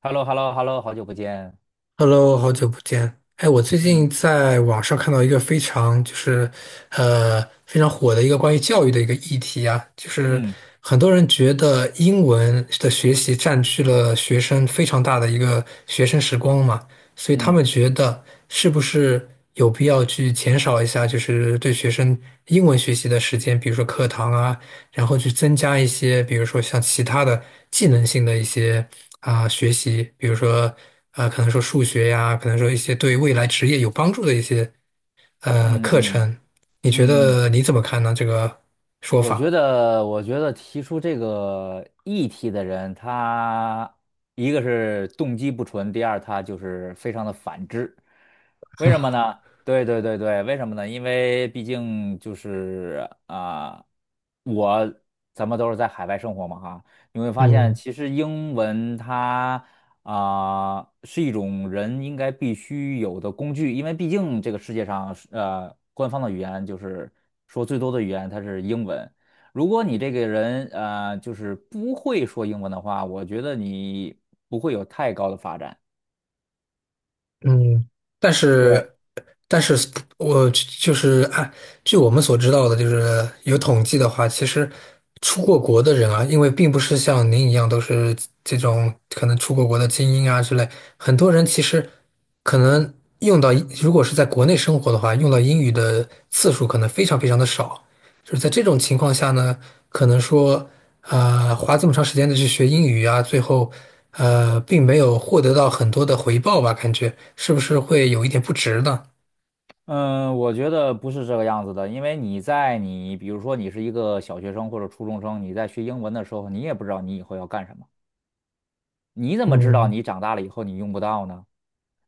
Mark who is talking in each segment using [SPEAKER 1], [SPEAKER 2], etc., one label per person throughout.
[SPEAKER 1] h e l l o h e l l o h e l l o 好久不见。
[SPEAKER 2] Hello，好久不见。哎，我最近
[SPEAKER 1] 嗯
[SPEAKER 2] 在网上看到一个非常就是，非常火的一个关于教育的一个议题啊，就是
[SPEAKER 1] 嗯
[SPEAKER 2] 很多人觉得英文的学习占据了学生非常大的一个学生时光嘛，所以他
[SPEAKER 1] 嗯
[SPEAKER 2] 们觉得是不是有必要去减少一下，就是对学生英文学习的时间，比如说课堂啊，然后去增加一些，比如说像其他的技能性的一些啊、学习，比如说啊，可能说数学呀，可能说一些对未来职业有帮助的一些课
[SPEAKER 1] 嗯嗯
[SPEAKER 2] 程。你觉
[SPEAKER 1] 嗯，
[SPEAKER 2] 得你怎么看呢？这个说法？
[SPEAKER 1] 我觉得提出这个议题的人，他一个是动机不纯，第二他就是非常的反智。为什么呢？对对对对，为什么呢？因为毕竟就是我咱们都是在海外生活嘛哈，你会发现
[SPEAKER 2] 嗯
[SPEAKER 1] 其实英文它，是一种人应该必须有的工具，因为毕竟这个世界上官方的语言就是说最多的语言它是英文。如果你这个人就是不会说英文的话，我觉得你不会有太高的发展。
[SPEAKER 2] 嗯，但
[SPEAKER 1] 对。
[SPEAKER 2] 是，但是我就是据我们所知道的，就是有统计的话，其实出过国的人啊，因为并不是像您一样都是这种可能出过国的精英啊之类，很多人其实可能用到，如果是在国内生活的话，用到英语的次数可能非常非常的少。就是在这种情况下呢，可能说，花这么长时间的去学英语啊，最后，并没有获得到很多的回报吧？感觉是不是会有一点不值呢？
[SPEAKER 1] 嗯，我觉得不是这个样子的，因为你比如说你是一个小学生或者初中生，你在学英文的时候，你也不知道你以后要干什么，你怎么知道
[SPEAKER 2] 嗯
[SPEAKER 1] 你长大了以后你用不到呢？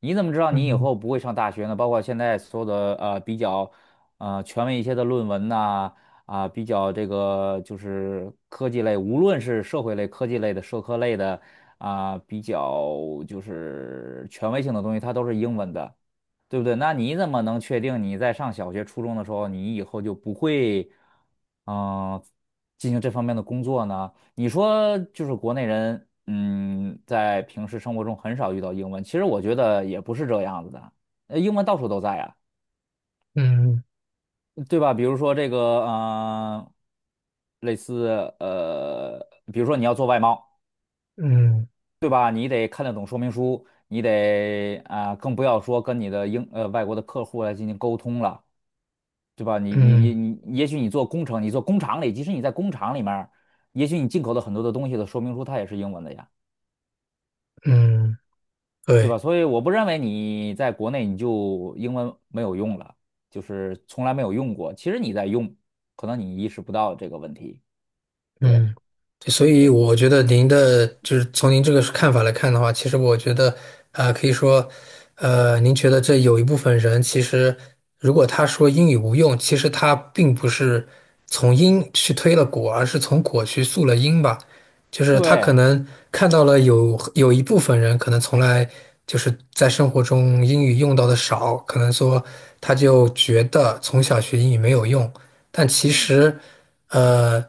[SPEAKER 1] 你怎么知道你以
[SPEAKER 2] 嗯
[SPEAKER 1] 后不会上大学呢？包括现在所有的比较权威一些的论文呐，啊，比较这个就是科技类，无论是社会类、科技类的、社科类的，啊，比较就是权威性的东西，它都是英文的，对不对？那你怎么能确定你在上小学、初中的时候，你以后就不会嗯、呃进行这方面的工作呢？你说就是国内人，在平时生活中很少遇到英文，其实我觉得也不是这样子的，英文到处都在呀，
[SPEAKER 2] 嗯
[SPEAKER 1] 对吧？比如说这个，类似比如说你要做外贸，
[SPEAKER 2] 嗯
[SPEAKER 1] 对吧？你得看得懂说明书，你得更不要说跟你的外国的客户来进行沟通了，对吧？你你你
[SPEAKER 2] 嗯
[SPEAKER 1] 你，也许你做工程，你做工厂里，即使你在工厂里面儿也许你进口的很多的东西的说明书它也是英文的呀。
[SPEAKER 2] 嗯，
[SPEAKER 1] 对吧？
[SPEAKER 2] 对。
[SPEAKER 1] 所以我不认为你在国内你就英文没有用了，就是从来没有用过。其实你在用，可能你意识不到这个问题。对
[SPEAKER 2] 嗯，所以
[SPEAKER 1] 对，
[SPEAKER 2] 我觉得您的就是从您这个看法来看的话，其实我觉得，啊、可以说，您觉得这有一部分人其实，如果他说英语无用，其实他并不是从因去推了果，而是从果去溯了因吧。就是他可
[SPEAKER 1] 对。
[SPEAKER 2] 能看到了有一部分人可能从来就是在生活中英语用到的少，可能说他就觉得从小学英语没有用，但其
[SPEAKER 1] 嗯。
[SPEAKER 2] 实。呃，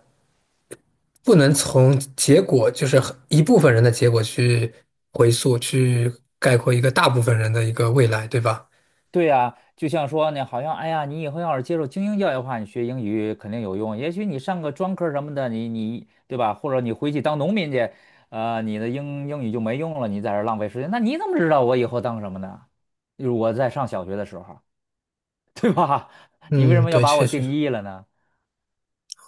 [SPEAKER 2] 不能从结果，就是很一部分人的结果去回溯，去概括一个大部分人的一个未来，对吧？
[SPEAKER 1] 对呀，就像说呢，好像哎呀，你以后要是接受精英教育的话，你学英语肯定有用。也许你上个专科什么的，你对吧？或者你回去当农民去，你的英语就没用了，你在这儿浪费时间。那你怎么知道我以后当什么呢？就是我在上小学的时候，对吧？你为什
[SPEAKER 2] 嗯，
[SPEAKER 1] 么要
[SPEAKER 2] 对，
[SPEAKER 1] 把我
[SPEAKER 2] 确实，
[SPEAKER 1] 定义了呢？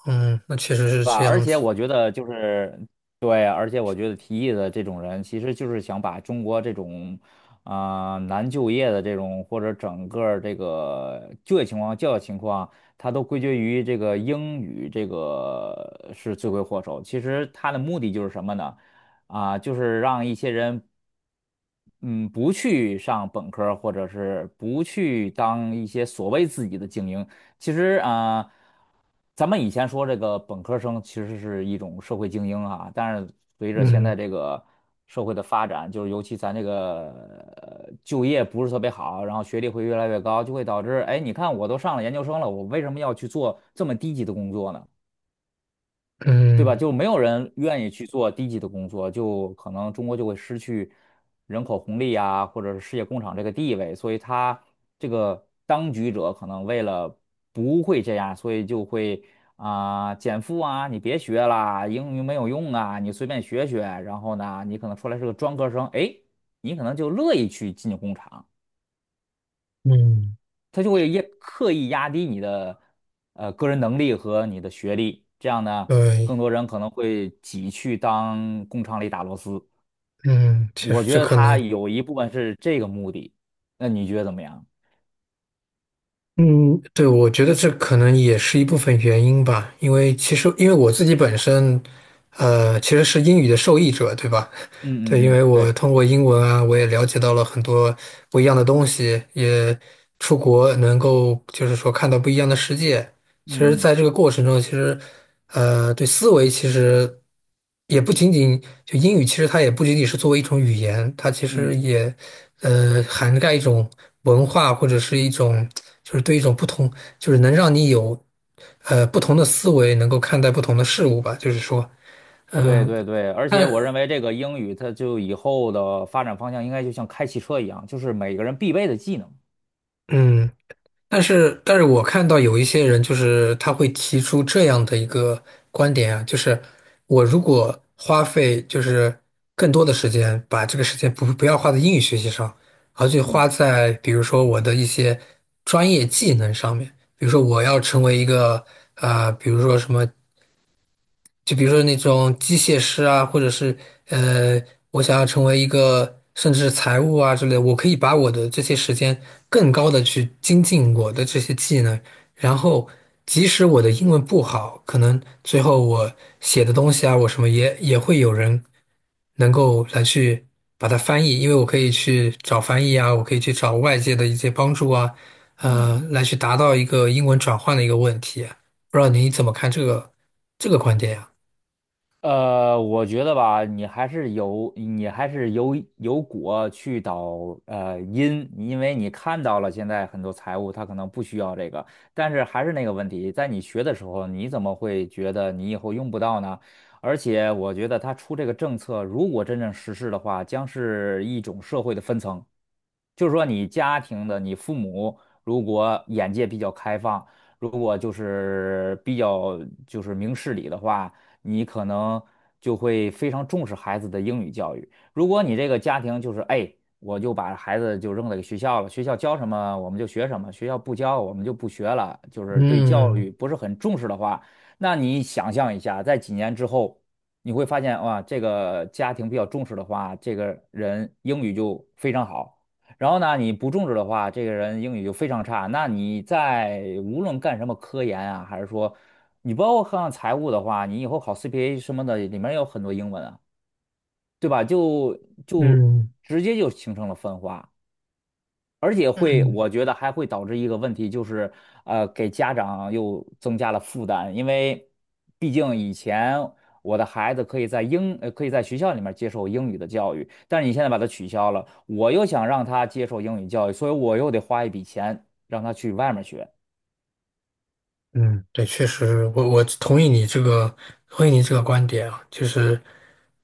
[SPEAKER 2] 嗯，那确实是
[SPEAKER 1] 对吧？
[SPEAKER 2] 这
[SPEAKER 1] 而
[SPEAKER 2] 样
[SPEAKER 1] 且
[SPEAKER 2] 子。
[SPEAKER 1] 我觉得就是，对，而且我觉得提议的这种人，其实就是想把中国这种难就业的这种，或者整个儿这个就业情况、教育情况，他都归结于这个英语这个是罪魁祸首。其实他的目的就是什么呢？就是让一些人，嗯，不去上本科儿或者是不去当一些所谓自己的精英。其实咱们以前说这个本科生其实是一种社会精英啊，但是随着现在
[SPEAKER 2] 嗯
[SPEAKER 1] 这个社会的发展，就是尤其咱这个就业不是特别好，然后学历会越来越高，就会导致，哎，你看我都上了研究生了，我为什么要去做这么低级的工作呢？对吧？
[SPEAKER 2] 嗯
[SPEAKER 1] 就没有人愿意去做低级的工作，就可能中国就会失去人口红利啊，或者是世界工厂这个地位，所以他这个当局者可能为了不会这样，所以就会减负啊，你别学啦，英语没有用啊，你随便学学，然后呢，你可能出来是个专科生，哎，你可能就乐意去进工厂。
[SPEAKER 2] 嗯，
[SPEAKER 1] 他就会刻意压低你的个人能力和你的学历，这样呢，更
[SPEAKER 2] 对，
[SPEAKER 1] 多人可能会挤去当工厂里打螺丝。
[SPEAKER 2] 嗯，确
[SPEAKER 1] 我
[SPEAKER 2] 实
[SPEAKER 1] 觉
[SPEAKER 2] 这
[SPEAKER 1] 得
[SPEAKER 2] 可
[SPEAKER 1] 他
[SPEAKER 2] 能，
[SPEAKER 1] 有一部分是这个目的，那你觉得怎么样？
[SPEAKER 2] 嗯，对，我觉得这可能也是一部分原因吧，因为其实因为我自己本身，其实是英语的受益者，对吧？对，因
[SPEAKER 1] 嗯嗯嗯，
[SPEAKER 2] 为我
[SPEAKER 1] 对。
[SPEAKER 2] 通过英文啊，我也了解到了很多不一样的东西，也出国能够就是说看到不一样的世界。其实，
[SPEAKER 1] 嗯嗯
[SPEAKER 2] 在这个过程中，其实对思维其实也不仅仅就英语，其实它也不仅仅是作为一种语言，它其实
[SPEAKER 1] 嗯，
[SPEAKER 2] 也涵盖一种文化或者是一种就是对一种不同，就是能让你有不同的思维，能够看待不同的事物吧。就是说，嗯、
[SPEAKER 1] 对对对，而且
[SPEAKER 2] 看，
[SPEAKER 1] 我认为这个英语它就以后的发展方向应该就像开汽车一样，就是每个人必备的技能。
[SPEAKER 2] 嗯。但是我看到有一些人，就是他会提出这样的一个观点啊，就是我如果花费就是更多的时间，把这个时间不要花在英语学习上，而去
[SPEAKER 1] 嗯
[SPEAKER 2] 花在比如说我的一些专业技能上面，比如说我要成为一个比如说什么就比如说那种机械师啊，或者是呃，我想要成为一个甚至是财务啊之类的我可以把我的这些时间更高的去精进我的这些技能，然后即使我的英文不好，可能最后我写的东西啊，我什么也会有人能够来去把它翻译，因为我可以去找翻译啊，我可以去找外界的一些帮助啊，
[SPEAKER 1] 嗯。
[SPEAKER 2] 来去达到一个英文转换的一个问题啊。不知道你怎么看这个观点呀？
[SPEAKER 1] 我觉得吧，你还是有果去导因，因为你看到了现在很多财务它可能不需要这个，但是还是那个问题，在你学的时候，你怎么会觉得你以后用不到呢？而且我觉得它出这个政策，如果真正实施的话，将是一种社会的分层，就是说你家庭的你父母如果眼界比较开放，如果就是比较就是明事理的话，你可能就会非常重视孩子的英语教育。如果你这个家庭就是，哎，我就把孩子就扔在学校了，学校教什么我们就学什么，学校不教我们就不学了，就是对教
[SPEAKER 2] 嗯
[SPEAKER 1] 育不是很重视的话，那你想象一下，在几年之后，你会发现哇，这个家庭比较重视的话，这个人英语就非常好。然后呢，你不重视的话，这个人英语就非常差。那你在无论干什么科研啊，还是说你包括看财务的话，你以后考 CPA 什么的，里面有很多英文啊，对吧？就
[SPEAKER 2] 嗯
[SPEAKER 1] 直接就形成了分化。而且会，
[SPEAKER 2] 嗯
[SPEAKER 1] 我觉得还会导致一个问题，就是给家长又增加了负担，因为毕竟以前我的孩子可以在可以在学校里面接受英语的教育，但是你现在把它取消了，我又想让他接受英语教育，所以我又得花一笔钱让他去外面学。
[SPEAKER 2] 嗯，对，确实，我同意你这个，同意你这个观点啊，就是，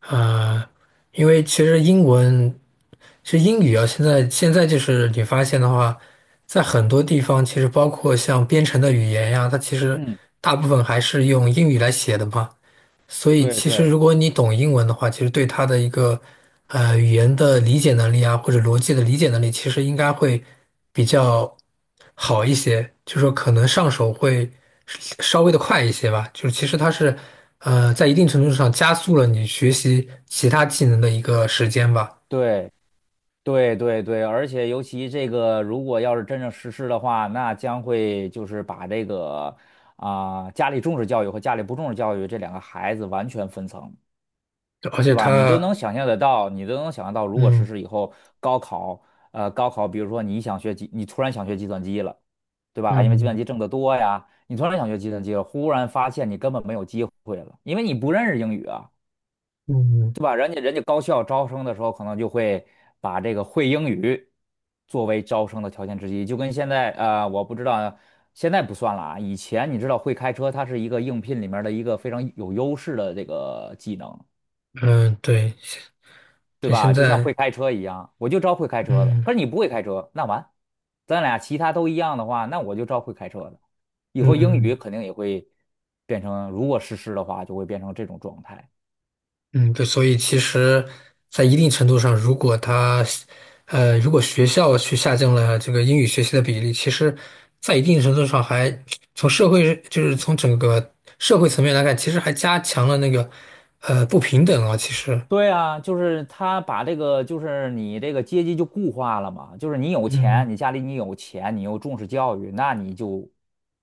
[SPEAKER 2] 呃，因为其实英文，其实英语啊，现在就是你发现的话，在很多地方，其实包括像编程的语言呀，它其实
[SPEAKER 1] 嗯，
[SPEAKER 2] 大部分还是用英语来写的嘛。所以
[SPEAKER 1] 对
[SPEAKER 2] 其实
[SPEAKER 1] 对
[SPEAKER 2] 如果你懂英文的话，其实对它的一个语言的理解能力啊，或者逻辑的理解能力，其实应该会比较好一些，就说可能上手会稍微的快一些吧。就是其实它是在一定程度上加速了你学习其他技能的一个时间吧，
[SPEAKER 1] 对。对对对，而且尤其这个，如果要是真正实施的话，那将会就是把这个家里重视教育和家里不重视教育这两个孩子完全分层，
[SPEAKER 2] 而且
[SPEAKER 1] 对吧？你都能
[SPEAKER 2] 它
[SPEAKER 1] 想象得到，你都能想象到，如果实
[SPEAKER 2] 嗯
[SPEAKER 1] 施以后，高考，比如说你突然想学计算机了，对吧？因为计算
[SPEAKER 2] 嗯
[SPEAKER 1] 机挣得多呀，你突然想学计算机了，忽然发现你根本没有机会了，因为你不认识英语啊。
[SPEAKER 2] 嗯嗯
[SPEAKER 1] 对吧？人家高校招生的时候，可能就会把这个会英语作为招生的条件之一，就跟现在我不知道现在不算了啊。以前你知道会开车，它是一个应聘里面的一个非常有优势的这个技能，
[SPEAKER 2] 嗯对
[SPEAKER 1] 对
[SPEAKER 2] 对，现
[SPEAKER 1] 吧？就像
[SPEAKER 2] 在
[SPEAKER 1] 会开车一样，我就招会开车的。
[SPEAKER 2] 嗯
[SPEAKER 1] 可是你不会开车，那完，咱俩其他都一样的话，那我就招会开车的。以后英
[SPEAKER 2] 嗯。
[SPEAKER 1] 语肯定也会变成，如果实施的话，就会变成这种状态。
[SPEAKER 2] 嗯，对，所以其实，在一定程度上，如果他，如果学校去下降了这个英语学习的比例，其实，在一定程度上还从社会，就是从整个社会层面来看，其实还加强了那个，不平等啊。其实，
[SPEAKER 1] 对啊，就是他把这个，就是你这个阶级就固化了嘛，就是你有钱，
[SPEAKER 2] 嗯
[SPEAKER 1] 你家里你有钱，你又重视教育，那你就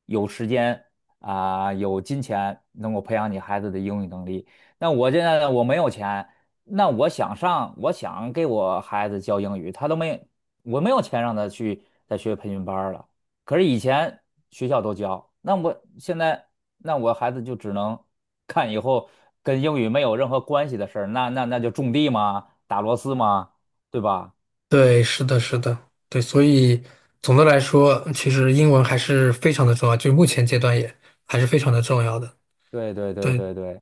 [SPEAKER 1] 有时间有金钱能够培养你孩子的英语能力。那我现在我没有钱，那我想上，我想给我孩子教英语，他都没，我没有钱让他去再学培训班儿了。可是以前学校都教，那我孩子就只能看以后跟英语没有任何关系的事儿，那就种地嘛，打螺丝嘛，对吧？
[SPEAKER 2] 对，是的，是的，对，所以总的来说，其实英文还是非常的重要，就是目前阶段也还是非常的重要的。
[SPEAKER 1] 对对对
[SPEAKER 2] 对，
[SPEAKER 1] 对对，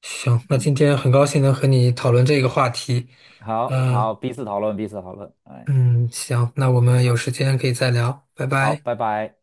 [SPEAKER 2] 行，那
[SPEAKER 1] 嗯，
[SPEAKER 2] 今天很高兴能和你讨论这个话题，
[SPEAKER 1] 好
[SPEAKER 2] 嗯、
[SPEAKER 1] 好，彼此讨论，彼此讨论，哎，
[SPEAKER 2] 嗯，行，那我们有时间可以再聊，拜
[SPEAKER 1] 好，
[SPEAKER 2] 拜。
[SPEAKER 1] 拜拜。